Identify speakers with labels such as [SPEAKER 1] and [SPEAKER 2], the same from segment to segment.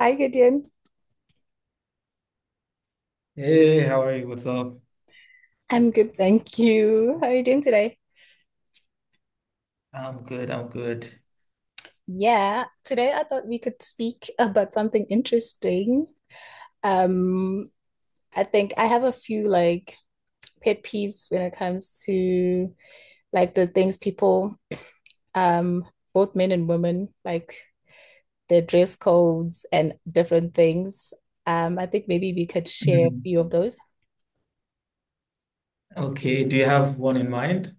[SPEAKER 1] Hi, Gideon.
[SPEAKER 2] Hey, how are you? What's up?
[SPEAKER 1] I'm good, thank you. How are you doing today?
[SPEAKER 2] I'm good. I'm good.
[SPEAKER 1] Yeah. Today, I thought we could speak about something interesting. Um, I think I have a few pet peeves when it comes to the things people, um, both men and women, like their dress codes and different things. I think maybe we could share a
[SPEAKER 2] Hmm.
[SPEAKER 1] few of those.
[SPEAKER 2] Okay. Do you have one in mind?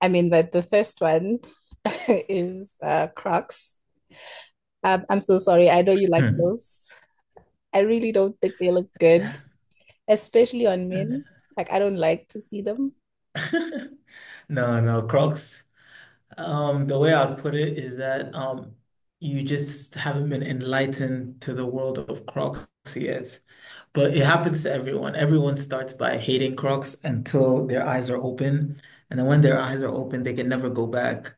[SPEAKER 1] I mean, but the first one is Crocs. I'm so sorry. I know you like
[SPEAKER 2] Hmm.
[SPEAKER 1] those. I really don't think they look
[SPEAKER 2] Yeah.
[SPEAKER 1] good, especially on men. Like I don't like to see them.
[SPEAKER 2] No, no, Crocs. The way I'd put it is that you just haven't been enlightened to the world of Crocs yet. But it happens to everyone. Everyone starts by hating Crocs until their eyes are open, and then when their eyes are open, they can never go back.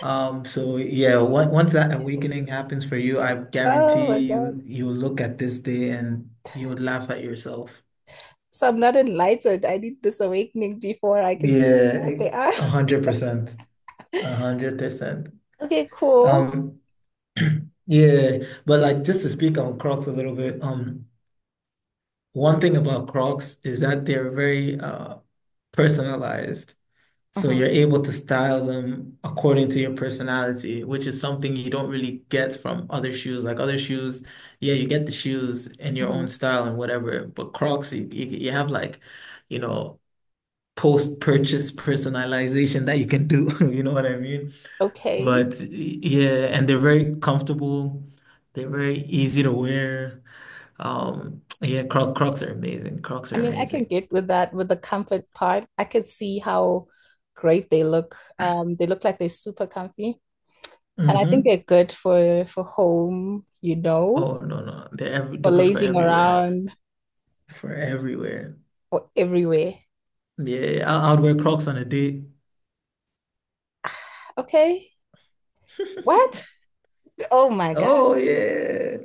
[SPEAKER 2] So yeah, once that awakening happens for you, I
[SPEAKER 1] Oh my
[SPEAKER 2] guarantee
[SPEAKER 1] God.
[SPEAKER 2] you you'll look at this day and you'll laugh at yourself.
[SPEAKER 1] So I'm not enlightened. I need this awakening before I can see
[SPEAKER 2] Yeah,
[SPEAKER 1] what they are.
[SPEAKER 2] a hundred percent. 100%.
[SPEAKER 1] Okay, cool.
[SPEAKER 2] Um, yeah, but like just to speak on Crocs a little bit, one thing about Crocs is that they're very personalized. So
[SPEAKER 1] Mhm,
[SPEAKER 2] you're able to style them according to your personality, which is something you don't really get from other shoes. Like other shoes, yeah, you get the shoes in your own
[SPEAKER 1] mhm.
[SPEAKER 2] style and whatever, but Crocs, you have like, you know, post-purchase personalization that you can do. You know what I mean?
[SPEAKER 1] Okay.
[SPEAKER 2] But yeah, and they're very comfortable. They're very easy to wear. Yeah, Crocs are amazing. Crocs
[SPEAKER 1] I
[SPEAKER 2] are
[SPEAKER 1] mean, I can
[SPEAKER 2] amazing.
[SPEAKER 1] get with that with the comfort part. I could see how great they look. They look like they're super comfy, and I think
[SPEAKER 2] Hmm.
[SPEAKER 1] they're good for home,
[SPEAKER 2] Oh no, no, they're every,
[SPEAKER 1] for
[SPEAKER 2] they're good for
[SPEAKER 1] lazing
[SPEAKER 2] everywhere.
[SPEAKER 1] around
[SPEAKER 2] For everywhere.
[SPEAKER 1] or everywhere.
[SPEAKER 2] Yeah, I would wear Crocs on a date.
[SPEAKER 1] Okay. What? Oh my God.
[SPEAKER 2] Oh yeah.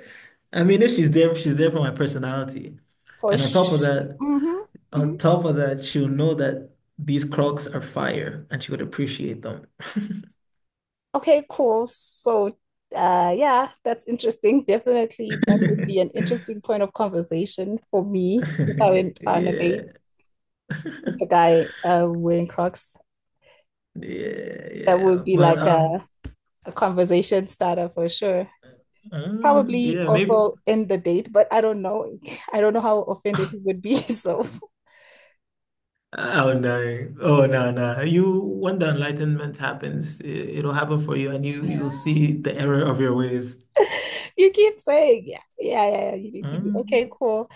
[SPEAKER 2] I mean, if she's there, she's there for my personality.
[SPEAKER 1] For
[SPEAKER 2] And on top of
[SPEAKER 1] sh
[SPEAKER 2] that,
[SPEAKER 1] hmm hmm
[SPEAKER 2] on top of that, she'll know that these Crocs are fire and she would appreciate them.
[SPEAKER 1] Okay, cool. So, yeah, that's interesting. Definitely, that would be an interesting point of conversation for me if I went on a date
[SPEAKER 2] Yeah.
[SPEAKER 1] with the guy wearing Crocs.
[SPEAKER 2] Yeah,
[SPEAKER 1] That
[SPEAKER 2] yeah.
[SPEAKER 1] would be
[SPEAKER 2] But
[SPEAKER 1] like
[SPEAKER 2] uh
[SPEAKER 1] a conversation starter for sure.
[SPEAKER 2] Mm,
[SPEAKER 1] Probably
[SPEAKER 2] yeah, maybe.
[SPEAKER 1] also end the date, but I don't know. I don't know how offended he would be. So
[SPEAKER 2] Oh no. Oh no, no. You when the enlightenment happens, it'll happen for you and you'll see the error of your ways.
[SPEAKER 1] you keep saying, yeah, yeah, yeah, yeah, you need to be okay,
[SPEAKER 2] Mm.
[SPEAKER 1] cool.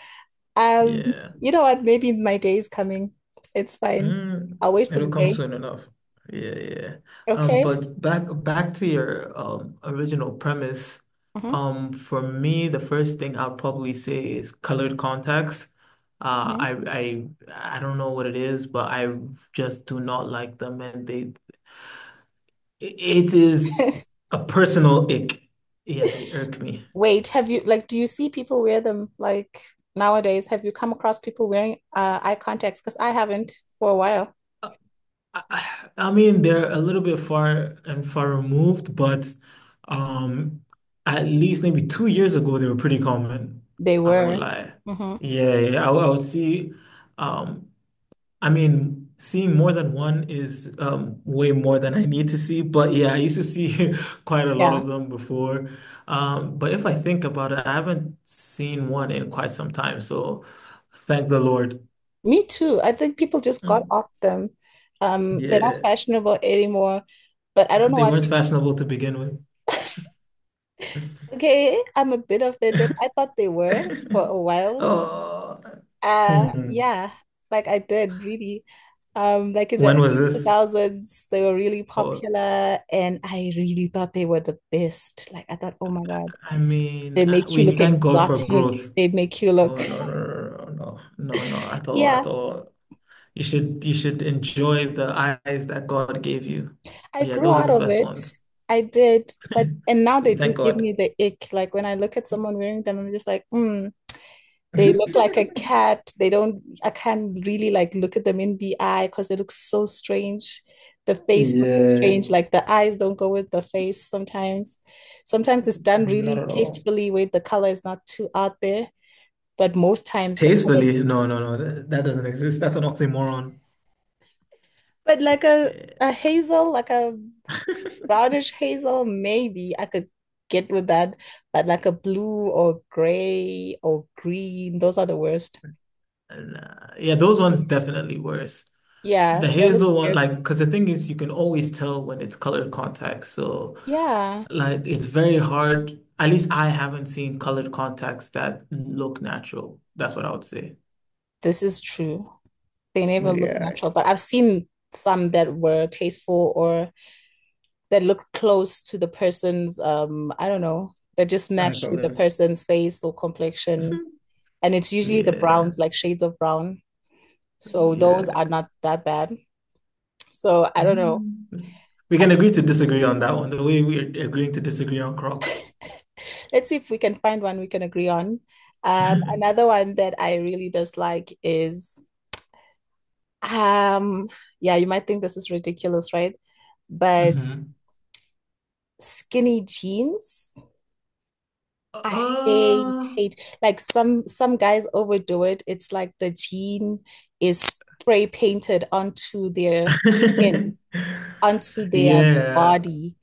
[SPEAKER 1] Um,
[SPEAKER 2] Yeah.
[SPEAKER 1] you know what? Maybe my day is coming. It's fine.
[SPEAKER 2] Mm,
[SPEAKER 1] I'll wait for
[SPEAKER 2] it'll
[SPEAKER 1] the
[SPEAKER 2] come
[SPEAKER 1] day.
[SPEAKER 2] soon enough. Yeah, yeah.
[SPEAKER 1] Okay.
[SPEAKER 2] But back to your original premise.
[SPEAKER 1] Uh-huh.
[SPEAKER 2] For me, the first thing I'll probably say is colored contacts. Uh,
[SPEAKER 1] Mhm.
[SPEAKER 2] I I I don't know what it is, but I just do not like them, and they it is a personal ick. Yeah, they irk me.
[SPEAKER 1] Wait, have you do you see people wear them like nowadays? Have you come across people wearing eye contacts? Because I haven't for a while.
[SPEAKER 2] I mean, they're a little bit far and far removed, but um, at least maybe 2 years ago, they were pretty common.
[SPEAKER 1] They
[SPEAKER 2] I won't
[SPEAKER 1] were.
[SPEAKER 2] lie.
[SPEAKER 1] Hmm.
[SPEAKER 2] Yeah, yeah, would I would see. Um, I mean, seeing more than one is way more than I need to see. But yeah, I used to see quite a lot
[SPEAKER 1] Yeah.
[SPEAKER 2] of them before. But if I think about it, I haven't seen one in quite some time. So thank the Lord.
[SPEAKER 1] Me too. I think people just got
[SPEAKER 2] Mm,
[SPEAKER 1] off them. They're not
[SPEAKER 2] yeah,
[SPEAKER 1] fashionable anymore. But I don't know
[SPEAKER 2] they
[SPEAKER 1] why
[SPEAKER 2] weren't fashionable to begin with.
[SPEAKER 1] okay, I'm a bit offended. I thought they were for a while.
[SPEAKER 2] Oh, hmm.
[SPEAKER 1] Yeah, like I did really. Like in the
[SPEAKER 2] When was
[SPEAKER 1] early
[SPEAKER 2] this?
[SPEAKER 1] 2000s, they were really
[SPEAKER 2] Oh,
[SPEAKER 1] popular and I really thought they were the best. Like I thought, oh my God,
[SPEAKER 2] I mean,
[SPEAKER 1] they make you
[SPEAKER 2] we
[SPEAKER 1] look
[SPEAKER 2] thank God for
[SPEAKER 1] exotic.
[SPEAKER 2] growth.
[SPEAKER 1] They make you look,
[SPEAKER 2] Oh no, no, no, no, no, no, no, no, at all,
[SPEAKER 1] yeah.
[SPEAKER 2] at all. You should enjoy the eyes that God gave you.
[SPEAKER 1] I
[SPEAKER 2] Yeah,
[SPEAKER 1] grew
[SPEAKER 2] those are
[SPEAKER 1] out
[SPEAKER 2] the
[SPEAKER 1] of
[SPEAKER 2] best
[SPEAKER 1] it.
[SPEAKER 2] ones.
[SPEAKER 1] I did, but and now
[SPEAKER 2] We
[SPEAKER 1] they do
[SPEAKER 2] thank
[SPEAKER 1] give
[SPEAKER 2] God.
[SPEAKER 1] me the ick. Like when I look at someone wearing them, I'm just like, mm, they look like a cat. They don't, I can't really like look at them in the eye because they look so strange. The face looks
[SPEAKER 2] Yeah,
[SPEAKER 1] strange, like the eyes don't go with the face sometimes. Sometimes it's done
[SPEAKER 2] not
[SPEAKER 1] really
[SPEAKER 2] at all.
[SPEAKER 1] tastefully where the color is not too out there, but most times the
[SPEAKER 2] Tastefully, no, no, no, that doesn't exist. That's an oxymoron.
[SPEAKER 1] but like
[SPEAKER 2] Yeah,
[SPEAKER 1] a hazel, like a brownish hazel, maybe I could get with that, but like a blue or gray or green, those are the worst.
[SPEAKER 2] nah. Yeah, those ones definitely worse. The
[SPEAKER 1] Yeah, they look
[SPEAKER 2] hazel one,
[SPEAKER 1] good.
[SPEAKER 2] like, because the thing is, you can always tell when it's colored contacts. So,
[SPEAKER 1] Yeah,
[SPEAKER 2] like, it's very hard. At least I haven't seen colored contacts that look natural. That's what I would say.
[SPEAKER 1] this is true. They
[SPEAKER 2] But
[SPEAKER 1] never look
[SPEAKER 2] yeah,
[SPEAKER 1] natural, but I've seen some that were tasteful or that look close to the person's, I don't know, that just
[SPEAKER 2] I
[SPEAKER 1] matched
[SPEAKER 2] got
[SPEAKER 1] with the
[SPEAKER 2] it.
[SPEAKER 1] person's face or complexion. And it's usually the
[SPEAKER 2] Yeah,
[SPEAKER 1] browns, like shades of brown. So those are
[SPEAKER 2] yeah.
[SPEAKER 1] not that bad. So I don't know.
[SPEAKER 2] Mm. We
[SPEAKER 1] I
[SPEAKER 2] can agree to disagree on that one, the way we're agreeing to disagree on Crocs.
[SPEAKER 1] Let's see if we can find one we can agree on. Another one that I really dislike is, um, yeah, you might think this is ridiculous, right? But
[SPEAKER 2] Mhm.
[SPEAKER 1] skinny jeans, I hate,
[SPEAKER 2] Uh,
[SPEAKER 1] hate. Like some guys overdo it. It's like the jean is spray painted onto their skin, onto their
[SPEAKER 2] yeah.
[SPEAKER 1] body.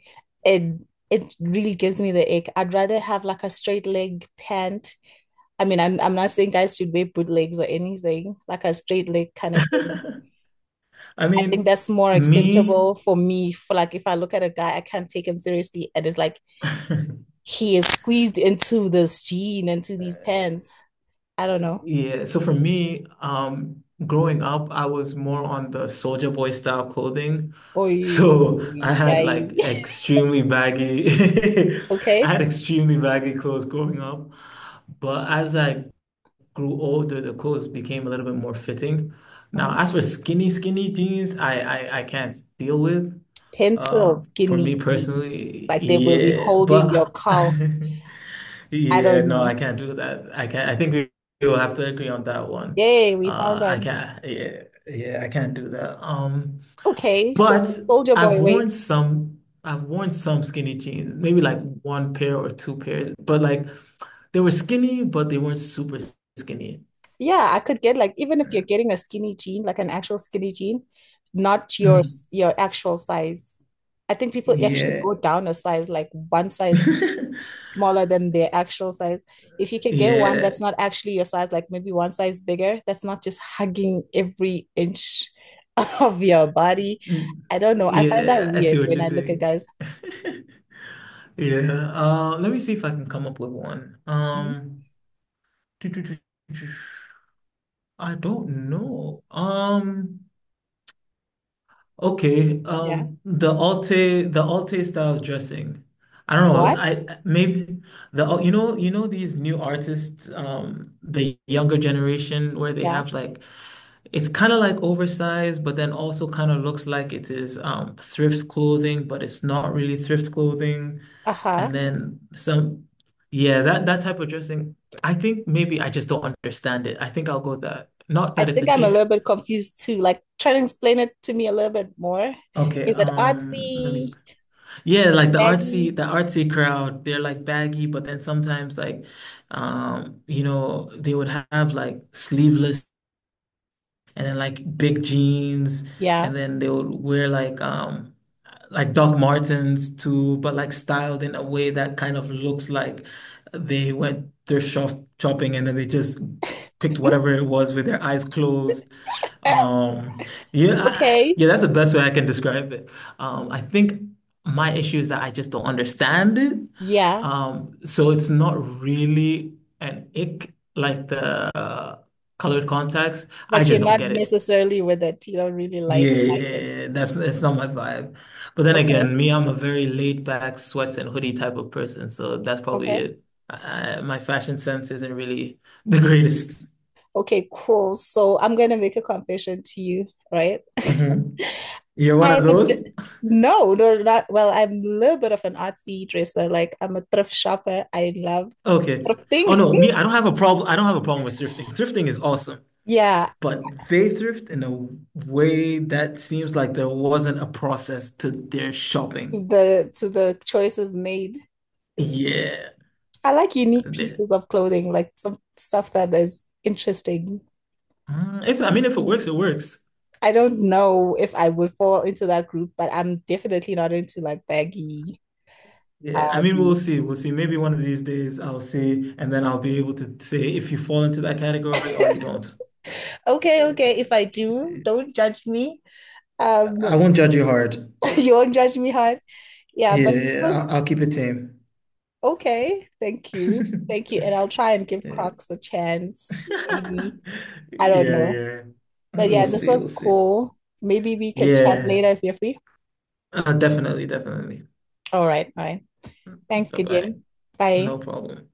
[SPEAKER 1] It it really gives me the ick. I'd rather have like a straight leg pant I mean, I'm not saying guys should wear bootlegs or anything, like a straight leg kind of thing.
[SPEAKER 2] I
[SPEAKER 1] I think
[SPEAKER 2] mean,
[SPEAKER 1] that's more
[SPEAKER 2] me.
[SPEAKER 1] acceptable for me. For like, if I look at a guy, I can't take him seriously, and it's like he is squeezed into this jean, into these pants. I don't know.
[SPEAKER 2] Yeah, so for me, growing up, I was more on the Soldier Boy style clothing.
[SPEAKER 1] Oh,
[SPEAKER 2] So I had
[SPEAKER 1] yeah.
[SPEAKER 2] like extremely baggy, I
[SPEAKER 1] Okay.
[SPEAKER 2] had extremely baggy clothes growing up. But as I grew older, the clothes became a little bit more fitting. Now,
[SPEAKER 1] Mhm.
[SPEAKER 2] as for skinny jeans, I can't deal with.
[SPEAKER 1] Pencils,
[SPEAKER 2] For me
[SPEAKER 1] skinny jeans,
[SPEAKER 2] personally,
[SPEAKER 1] like they will be
[SPEAKER 2] yeah,
[SPEAKER 1] holding your
[SPEAKER 2] but
[SPEAKER 1] calf. I
[SPEAKER 2] Yeah,
[SPEAKER 1] don't
[SPEAKER 2] no,
[SPEAKER 1] know.
[SPEAKER 2] I can't do that. I can't. I think we will have to agree on that one.
[SPEAKER 1] Yay, we found
[SPEAKER 2] I
[SPEAKER 1] one.
[SPEAKER 2] can't. Yeah, yeah, I can't do that.
[SPEAKER 1] Okay, so
[SPEAKER 2] But
[SPEAKER 1] the soldier
[SPEAKER 2] I've
[SPEAKER 1] boy way
[SPEAKER 2] worn some. I've worn some skinny jeans, maybe like one pair or two pairs, but like they were skinny, but they weren't super skinny.
[SPEAKER 1] Yeah, I could get like even if you're getting a skinny jean, like an actual skinny jean, not your
[SPEAKER 2] Mm.
[SPEAKER 1] s- your actual size. I think people actually
[SPEAKER 2] Yeah,
[SPEAKER 1] go down a size, like one size smaller than their actual size. If you can get one
[SPEAKER 2] yeah.
[SPEAKER 1] that's not actually your size, like maybe one size bigger, that's not just hugging every inch of your body.
[SPEAKER 2] Mm.
[SPEAKER 1] I don't know. I find that
[SPEAKER 2] Yeah. I see
[SPEAKER 1] weird
[SPEAKER 2] what
[SPEAKER 1] when
[SPEAKER 2] you're
[SPEAKER 1] I look at
[SPEAKER 2] saying.
[SPEAKER 1] guys.
[SPEAKER 2] Yeah. Let me see if I can come up with one.
[SPEAKER 1] Mhm.
[SPEAKER 2] I don't know. Okay.
[SPEAKER 1] Yeah.
[SPEAKER 2] The Alte style dressing. I don't know.
[SPEAKER 1] What?
[SPEAKER 2] I maybe the you know these new artists, the younger generation where they
[SPEAKER 1] Yeah.
[SPEAKER 2] have like it's kind of like oversized, but then also kind of looks like it is thrift clothing, but it's not really thrift clothing.
[SPEAKER 1] Uh-huh.
[SPEAKER 2] And then some, yeah, that type of dressing. I think maybe I just don't understand it. I think I'll go with that. Not
[SPEAKER 1] I
[SPEAKER 2] that it's
[SPEAKER 1] think
[SPEAKER 2] an
[SPEAKER 1] I'm a
[SPEAKER 2] ick.
[SPEAKER 1] little bit confused too. Like, try to explain it to me a little bit more.
[SPEAKER 2] Okay,
[SPEAKER 1] Is it
[SPEAKER 2] let me,
[SPEAKER 1] artsy,
[SPEAKER 2] yeah, like
[SPEAKER 1] baggy?
[SPEAKER 2] the artsy crowd, they're like baggy, but then sometimes like, they would have like sleeveless and then like big jeans,
[SPEAKER 1] Yeah.
[SPEAKER 2] and then they would wear like Doc Martens too, but like styled in a way that kind of looks like they went thrift shop shopping and then they just picked whatever it was with their eyes closed.
[SPEAKER 1] Oh,
[SPEAKER 2] Um, yeah,
[SPEAKER 1] Okay.
[SPEAKER 2] yeah, that's the best way I can describe it. I think my issue is that I just don't understand it.
[SPEAKER 1] Yeah.
[SPEAKER 2] So it's not really an ick like the colored contacts. I
[SPEAKER 1] But you're
[SPEAKER 2] just don't
[SPEAKER 1] not
[SPEAKER 2] get it.
[SPEAKER 1] necessarily with it. You don't really
[SPEAKER 2] Yeah, yeah,
[SPEAKER 1] like it.
[SPEAKER 2] yeah, that's not my vibe. But then again,
[SPEAKER 1] Okay.
[SPEAKER 2] me, I'm a very laid back sweats and hoodie type of person, so that's probably
[SPEAKER 1] Okay.
[SPEAKER 2] it. My fashion sense isn't really the greatest.
[SPEAKER 1] Okay, cool. So I'm gonna make a confession to you, right?
[SPEAKER 2] Mhm. You're one of
[SPEAKER 1] I'm a
[SPEAKER 2] those?
[SPEAKER 1] bit no, not I'm a little bit of an artsy dresser. Like I'm a thrift shopper. I love
[SPEAKER 2] Okay. Oh
[SPEAKER 1] thrifting.
[SPEAKER 2] no, me, I don't have a problem. I don't have a problem with thrifting. Thrifting is awesome,
[SPEAKER 1] Yeah,
[SPEAKER 2] but they thrift in a way that seems like there wasn't a process to their shopping.
[SPEAKER 1] to the choices made.
[SPEAKER 2] Yeah.
[SPEAKER 1] I like unique
[SPEAKER 2] They-
[SPEAKER 1] pieces of clothing, like some stuff that is interesting.
[SPEAKER 2] Mm, if I mean, if it works, it works.
[SPEAKER 1] I don't know if I would fall into that group, but I'm definitely not into like baggy.
[SPEAKER 2] Yeah, I mean, we'll
[SPEAKER 1] Um,
[SPEAKER 2] see. We'll see. Maybe one of these days I'll see, and then I'll be able to say if you fall into that category or you don't.
[SPEAKER 1] okay. If I do, don't judge me. Um,
[SPEAKER 2] I won't judge you hard.
[SPEAKER 1] you won't judge me hard. Yeah,
[SPEAKER 2] Yeah,
[SPEAKER 1] but this
[SPEAKER 2] yeah,
[SPEAKER 1] was
[SPEAKER 2] I'll keep it tame.
[SPEAKER 1] okay. Thank you. Thank you. And I'll try and give
[SPEAKER 2] Yeah,
[SPEAKER 1] Crocs a chance, maybe. I don't
[SPEAKER 2] Yeah,
[SPEAKER 1] know.
[SPEAKER 2] yeah.
[SPEAKER 1] But
[SPEAKER 2] We'll
[SPEAKER 1] yeah, this
[SPEAKER 2] see. We'll
[SPEAKER 1] was
[SPEAKER 2] see.
[SPEAKER 1] cool. Maybe we could chat
[SPEAKER 2] Yeah.
[SPEAKER 1] later if you're free.
[SPEAKER 2] Definitely, definitely.
[SPEAKER 1] All right, all right. Thanks,
[SPEAKER 2] Bye-bye.
[SPEAKER 1] Gideon.
[SPEAKER 2] No
[SPEAKER 1] Bye.
[SPEAKER 2] problem.